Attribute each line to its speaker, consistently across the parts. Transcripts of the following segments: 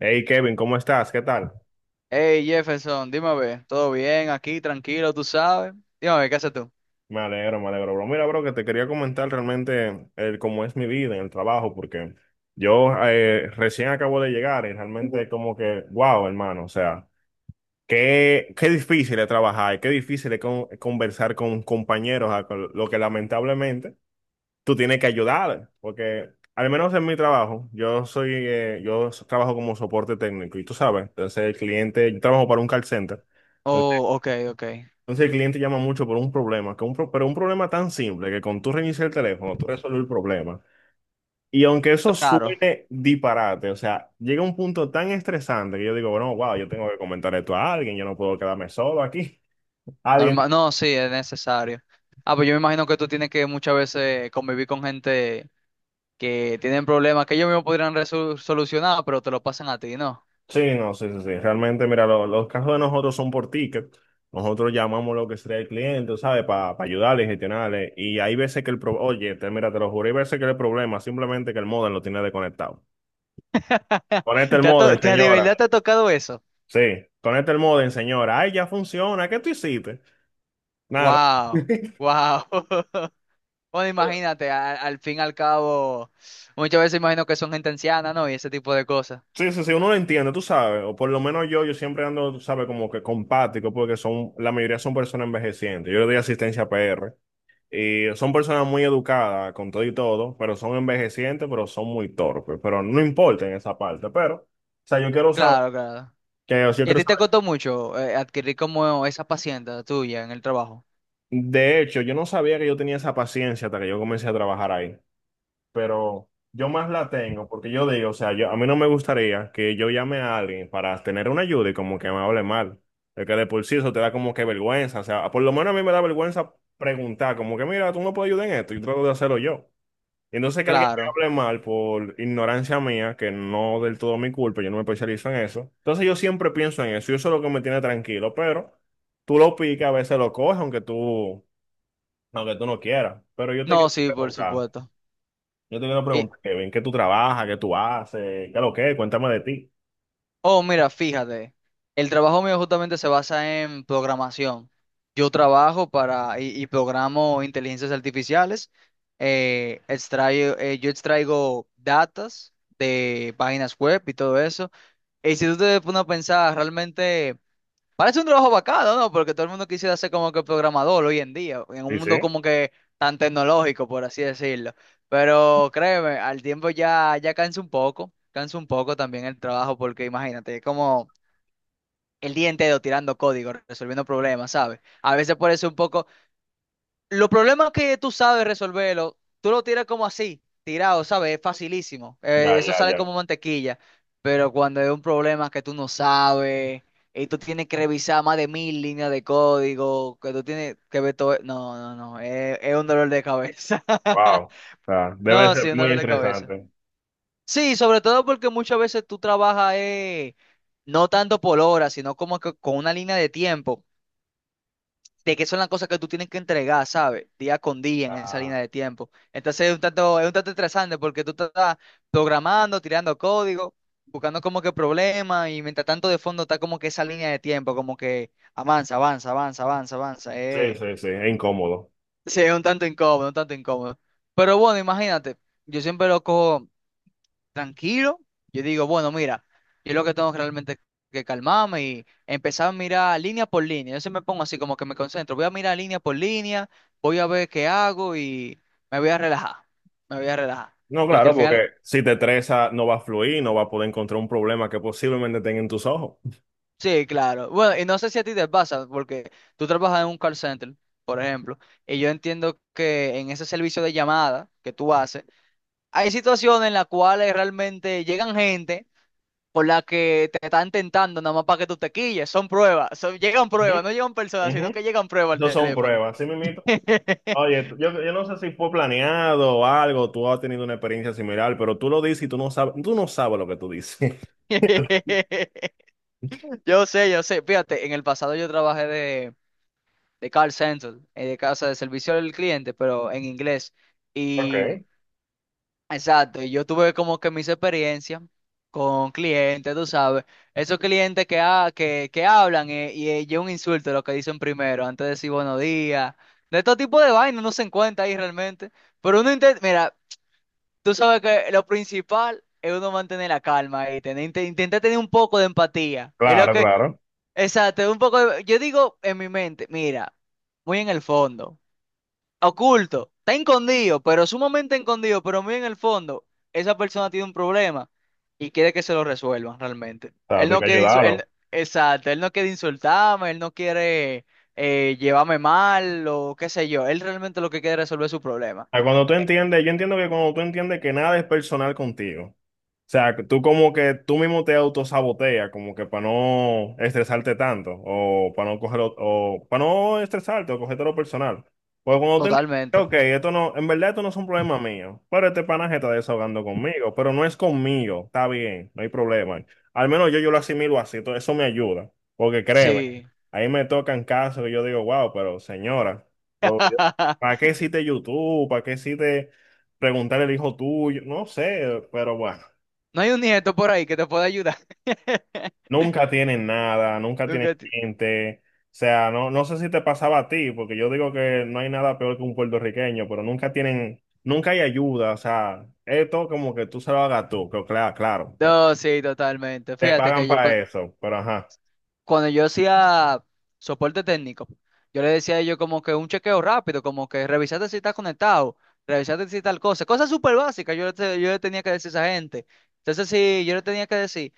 Speaker 1: Hey Kevin, ¿cómo estás? ¿Qué tal?
Speaker 2: Hey Jefferson, dime a ver, ¿todo bien aquí? Tranquilo, tú sabes. Dime a ver, ¿qué haces tú?
Speaker 1: Me alegro, bro. Mira, bro, que te quería comentar realmente el, cómo es mi vida en el trabajo, porque yo recién acabo de llegar y realmente como que, wow, hermano, o sea, qué difícil es trabajar, qué difícil es conversar con compañeros, lo que lamentablemente tú tienes que ayudar, porque al menos en mi trabajo, yo trabajo como soporte técnico y tú sabes, entonces el cliente, yo trabajo para un call center.
Speaker 2: Oh, ok, ok.
Speaker 1: Entonces el cliente llama mucho por un problema, que pero un problema tan simple que con tú reiniciar el teléfono, tú resuelves el problema. Y aunque eso
Speaker 2: Claro,
Speaker 1: suene disparate, o sea, llega un punto tan estresante que yo digo, bueno, wow, yo tengo que comentar esto a alguien, yo no puedo quedarme solo aquí. Alguien.
Speaker 2: normal. No, sí, es necesario. Ah, pues yo me imagino que tú tienes que muchas veces convivir con gente que tienen problemas que ellos mismos podrían solucionar, pero te lo pasan a ti, ¿no?
Speaker 1: Sí, no, sí, sí, sí. Realmente, mira, los casos de nosotros son por ticket. Nosotros llamamos lo que sería el cliente, ¿sabes? Para ayudarle, gestionarle. Y hay veces que el problema, oye, mira, te lo juro, hay veces que el problema simplemente que el modem lo tiene desconectado. Conecta el
Speaker 2: ¿Te ha to-
Speaker 1: modem,
Speaker 2: te ha- De
Speaker 1: señora.
Speaker 2: verdad te ha tocado eso?
Speaker 1: Sí, conecta el modem, señora. Ay, ya funciona. ¿Qué tú hiciste? Nada.
Speaker 2: Wow, wow. Bueno, imagínate, al fin y al cabo, muchas veces imagino que son gente anciana, ¿no? Y ese tipo de cosas.
Speaker 1: Sí, sí, sí, uno lo entiende, tú sabes. O por lo menos yo siempre ando, tú sabes, como que compático, porque son, la mayoría son personas envejecientes. Yo le doy asistencia PR. Y son personas muy educadas, con todo y todo, pero son envejecientes, pero son muy torpes. Pero no importa en esa parte. Pero, o sea, yo quiero saber,
Speaker 2: Claro, claro.
Speaker 1: que, o sea, yo
Speaker 2: ¿Y a
Speaker 1: quiero
Speaker 2: ti te
Speaker 1: saber.
Speaker 2: costó mucho adquirir como esa paciencia tuya en el trabajo?
Speaker 1: De hecho, yo no sabía que yo tenía esa paciencia hasta que yo comencé a trabajar ahí. Pero yo más la tengo porque yo digo, o sea, yo, a mí no me gustaría que yo llame a alguien para tener una ayuda y como que me hable mal. El que de por sí eso te da como que vergüenza, o sea, por lo menos a mí me da vergüenza preguntar, como que mira, tú me puedes ayudar en esto, yo trato de hacerlo yo. Y entonces que alguien me
Speaker 2: Claro.
Speaker 1: hable mal por ignorancia mía, que no del todo mi culpa, yo no me especializo en eso. Entonces yo siempre pienso en eso y eso es lo que me tiene tranquilo, pero tú lo picas, a veces lo coges, aunque tú no quieras. Pero yo te
Speaker 2: No,
Speaker 1: quiero
Speaker 2: sí, por
Speaker 1: preguntar.
Speaker 2: supuesto.
Speaker 1: Yo te quiero
Speaker 2: Y,
Speaker 1: preguntar, Kevin, ¿qué tú trabajas? ¿Qué tú haces? ¿Qué es lo que es? Cuéntame de ti.
Speaker 2: oh, mira, fíjate, el trabajo mío justamente se basa en programación. Yo trabajo para y programo inteligencias artificiales. Yo extraigo datas de páginas web y todo eso. Y si tú te pones a pensar, realmente parece un trabajo bacano, ¿no? Porque todo el mundo quisiera ser como que programador hoy en día, en
Speaker 1: Sí,
Speaker 2: un
Speaker 1: sí.
Speaker 2: mundo como que tan tecnológico, por así decirlo. Pero créeme, al tiempo ya cansa un poco también el trabajo, porque imagínate, es como el día entero tirando código, resolviendo problemas, ¿sabes? A veces por eso un poco, los problemas que tú sabes resolverlo, tú lo tiras como así, tirado, ¿sabes? Es facilísimo.
Speaker 1: Ya,
Speaker 2: Eso
Speaker 1: ya,
Speaker 2: sale
Speaker 1: ya.
Speaker 2: como mantequilla. Pero cuando es un problema que tú no sabes y tú tienes que revisar más de mil líneas de código, que tú tienes que ver todo. No, no, no. Es un dolor de cabeza.
Speaker 1: Wow. O sea, debe
Speaker 2: No,
Speaker 1: ser
Speaker 2: sí, un
Speaker 1: muy
Speaker 2: dolor de cabeza.
Speaker 1: estresante.
Speaker 2: Sí, sobre todo porque muchas veces tú trabajas no tanto por hora, sino como que con una línea de tiempo de que son las cosas que tú tienes que entregar, ¿sabes? Día con día en esa línea
Speaker 1: Ah,
Speaker 2: de tiempo. Entonces es un tanto estresante porque tú estás programando, tirando código, buscando como que problemas y mientras tanto de fondo está como que esa línea de tiempo, como que avanza, avanza, avanza, avanza, avanza.
Speaker 1: sí, sí, sí. Es incómodo.
Speaker 2: Sí, es un tanto incómodo, un tanto incómodo. Pero bueno, imagínate, yo siempre lo cojo tranquilo, yo digo, bueno, mira, yo lo que tengo realmente que calmarme y empezar a mirar línea por línea. Yo se me pongo así como que me concentro, voy a mirar línea por línea, voy a ver qué hago y me voy a relajar, me voy a relajar.
Speaker 1: No,
Speaker 2: Porque al
Speaker 1: claro,
Speaker 2: final,
Speaker 1: porque si te estresa, no va a fluir, no va a poder encontrar un problema que posiblemente tenga en tus ojos.
Speaker 2: sí, claro. Bueno, y no sé si a ti te pasa, porque tú trabajas en un call center, por ejemplo, y yo entiendo que en ese servicio de llamada que tú haces, hay situaciones en las cuales realmente llegan gente por la que te están tentando nada más para que tú te quilles. Son pruebas, llegan
Speaker 1: Ujú,
Speaker 2: pruebas, no llegan personas, sino
Speaker 1: ujú.
Speaker 2: que llegan pruebas al
Speaker 1: Eso son
Speaker 2: teléfono.
Speaker 1: pruebas, ¿sí, mimito? Oye, yo, yo no sé si fue planeado o algo, tú has tenido una experiencia similar, pero tú lo dices y tú no sabes lo que tú dices.
Speaker 2: Yo sé, yo sé. Fíjate, en el pasado yo trabajé de call center, de casa de servicio al cliente, pero en inglés.
Speaker 1: Ok,
Speaker 2: Exacto, y yo tuve como que mis experiencias con clientes, tú sabes, esos clientes que, que hablan un insulto lo que dicen primero, antes de decir buenos días, de todo tipo de vainas uno se encuentra ahí realmente, pero uno intenta, mira, tú sabes que lo principal es uno mantener la calma y tener, intentar tener un poco de empatía, es lo
Speaker 1: claro,
Speaker 2: que,
Speaker 1: claro.
Speaker 2: exacto, un poco de... yo digo en mi mente, mira, muy en el fondo oculto, está escondido, pero sumamente escondido, pero muy en el fondo, esa persona tiene un problema y quiere que se lo resuelvan realmente.
Speaker 1: O sea,
Speaker 2: Él
Speaker 1: hay que
Speaker 2: no quiere,
Speaker 1: ayudarlo.
Speaker 2: exacto, él no quiere insultarme, él no quiere llevarme mal o qué sé yo, él realmente lo que quiere es resolver su problema.
Speaker 1: A cuando tú
Speaker 2: Eh,
Speaker 1: entiendes, yo entiendo que cuando tú entiendes que nada es personal contigo, sea, tú como que tú mismo te autosaboteas, como que para no estresarte tanto, o para no cogerlo, o para no estresarte, o cogerte lo personal. Pues cuando tú entiendes,
Speaker 2: Totalmente,
Speaker 1: ok, esto no, en verdad esto no es un problema mío, pero este panaje está desahogando conmigo, pero no es conmigo, está bien, no hay problema. Al menos yo, yo lo asimilo así, entonces eso me ayuda, porque créeme,
Speaker 2: sí.
Speaker 1: ahí me tocan casos que yo digo, wow, pero señora, lo- ¿para qué hiciste YouTube? ¿Para qué hiciste preguntarle al hijo tuyo? No sé, pero bueno.
Speaker 2: No hay un nieto por ahí que te pueda ayudar.
Speaker 1: Nunca tienen nada, nunca
Speaker 2: Nunca
Speaker 1: tienen
Speaker 2: te...
Speaker 1: gente. O sea, no, no sé si te pasaba a ti, porque yo digo que no hay nada peor que un puertorriqueño, pero nunca tienen, nunca hay ayuda. O sea, esto como que tú se lo hagas tú, que claro, claro, te,
Speaker 2: No, sí, totalmente.
Speaker 1: te
Speaker 2: Fíjate
Speaker 1: pagan
Speaker 2: que
Speaker 1: para eso, pero ajá.
Speaker 2: cuando yo hacía soporte técnico, yo le decía a ellos como que un chequeo rápido, como que revisate si estás conectado, revisate si tal cosa, cosas súper básicas, yo le tenía que decir a esa gente. Entonces, sí, yo le tenía que decir,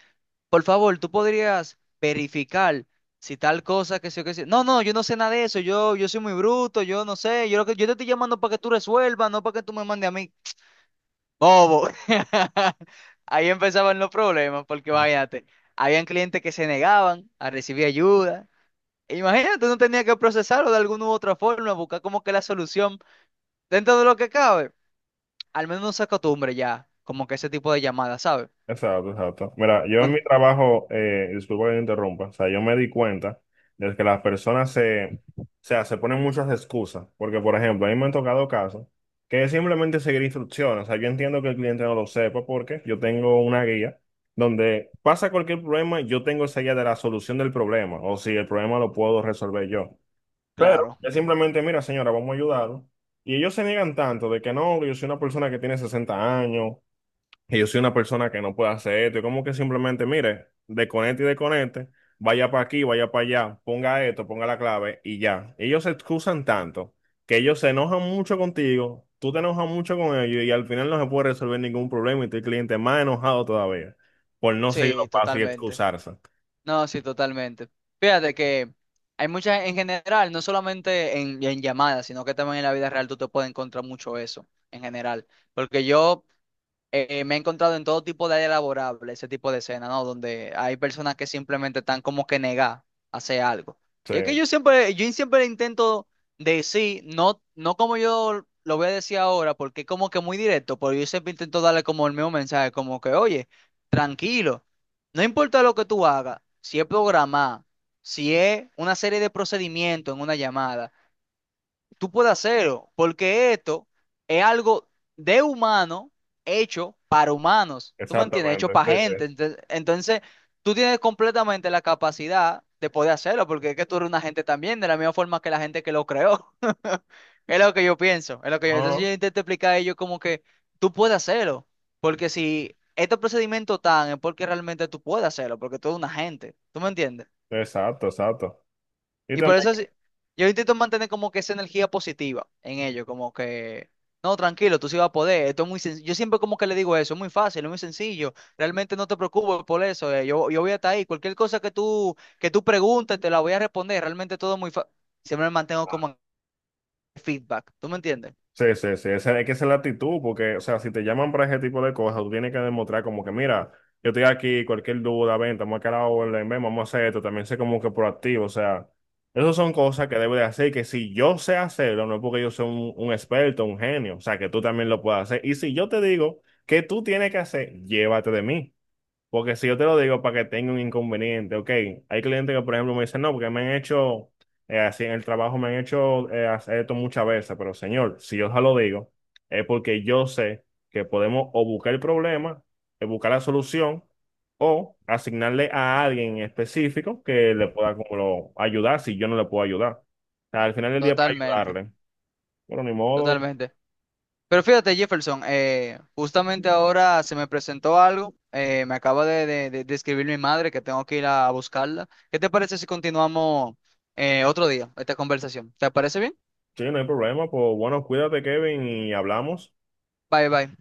Speaker 2: por favor, tú podrías verificar si tal cosa que sí o que sí. No, no, yo no sé nada de eso, yo soy muy bruto, yo no sé, yo te estoy llamando para que tú resuelvas, no para que tú me mandes a mí. Bobo. Ahí empezaban los problemas, porque váyate, habían clientes que se negaban a recibir ayuda. Imagínate, no tenía que procesarlo de alguna u otra forma, buscar como que la solución dentro de lo que cabe. Al menos no se acostumbre ya, como que ese tipo de llamadas, ¿sabes?
Speaker 1: Exacto, exacto. Mira, yo en
Speaker 2: Un...
Speaker 1: mi trabajo, disculpa que te interrumpa, o sea, yo me di cuenta de que las personas o sea, se ponen muchas excusas, porque por ejemplo, a mí me han tocado casos que es simplemente seguir instrucciones, o sea, yo entiendo que el cliente no lo sepa porque yo tengo una guía donde pasa cualquier problema, yo tengo esa guía de la solución del problema, o si el problema lo puedo resolver yo. Pero
Speaker 2: claro,
Speaker 1: es simplemente, mira, señora, vamos a ayudarlo. Y ellos se niegan tanto de que no, yo soy una persona que tiene 60 años, que yo soy una persona que no puede hacer esto. Y como que simplemente, mire, desconecte y desconecte, vaya para aquí, vaya para allá, ponga esto, ponga la clave y ya. Ellos se excusan tanto que ellos se enojan mucho contigo, tú te enojas mucho con ellos y al final no se puede resolver ningún problema y tu cliente más enojado todavía por no seguir los
Speaker 2: sí,
Speaker 1: pasos y
Speaker 2: totalmente.
Speaker 1: excusarse.
Speaker 2: No, sí, totalmente. Fíjate que hay muchas, en general, no solamente en llamadas, sino que también en la vida real tú te puedes encontrar mucho eso, en general. Porque yo me he encontrado en todo tipo de área laborable ese tipo de escena, ¿no? Donde hay personas que simplemente están como que negadas a hacer algo.
Speaker 1: Sí,
Speaker 2: Y es que yo siempre intento decir, no, no como yo lo voy a decir ahora, porque es como que muy directo, pero yo siempre intento darle como el mismo mensaje, como que, oye, tranquilo, no importa lo que tú hagas, si es programar, si es una serie de procedimientos en una llamada tú puedes hacerlo, porque esto es algo de humano hecho para humanos, ¿tú me entiendes? Hecho
Speaker 1: exactamente.
Speaker 2: para
Speaker 1: Sí, sí.
Speaker 2: gente. Entonces, tú tienes completamente la capacidad de poder hacerlo, porque es que tú eres una gente también, de la misma forma que la gente que lo creó. Es lo que yo pienso, es lo que
Speaker 1: No,
Speaker 2: yo...
Speaker 1: no,
Speaker 2: Entonces
Speaker 1: no.
Speaker 2: yo intento explicar a ellos como que tú puedes hacerlo, porque si este procedimiento tan es porque realmente tú puedes hacerlo, porque tú eres una gente, ¿tú me entiendes?
Speaker 1: Exacto, exacto. Y
Speaker 2: Y por
Speaker 1: también.
Speaker 2: eso sí, yo intento mantener como que esa energía positiva en ello, como que, no, tranquilo, tú sí vas a poder, esto es muy sencillo. Yo siempre como que le digo eso, es muy fácil, es muy sencillo, realmente no te preocupes por eso, yo, yo voy a estar ahí, cualquier cosa que que tú preguntes, te la voy a responder, realmente todo es muy fácil. Siempre me mantengo como en feedback, ¿tú me entiendes?
Speaker 1: Sí, sí, sí, esa, es que esa es la actitud, porque, o sea, si te llaman para ese tipo de cosas, tú tienes que demostrar como que, mira, yo estoy aquí, cualquier duda, ven, estamos acá a la orden, ven, vamos a hacer esto, también sé como que proactivo, o sea, esas son cosas que debo de hacer, que si yo sé hacerlo, no es porque yo sea un experto, un genio, o sea, que tú también lo puedas hacer, y si yo te digo que tú tienes que hacer, llévate de mí. Porque si yo te lo digo para que tenga un inconveniente, ok. Hay clientes que, por ejemplo, me dicen, no, porque así en el trabajo me han hecho hacer esto muchas veces, pero señor, si yo ya lo digo, es porque yo sé que podemos o buscar el problema, buscar la solución, o asignarle a alguien en específico que le pueda como ayudar si yo no le puedo ayudar. O sea, al final del día para
Speaker 2: Totalmente,
Speaker 1: ayudarle. Bueno, ni modo,
Speaker 2: totalmente. Pero fíjate, Jefferson, justamente ahora se me presentó algo. Me acaba de escribir mi madre que tengo que ir a buscarla. ¿Qué te parece si continuamos otro día esta conversación? ¿Te parece bien?
Speaker 1: sí, no hay problema, pues bueno, cuídate, Kevin, y hablamos.
Speaker 2: Bye, bye.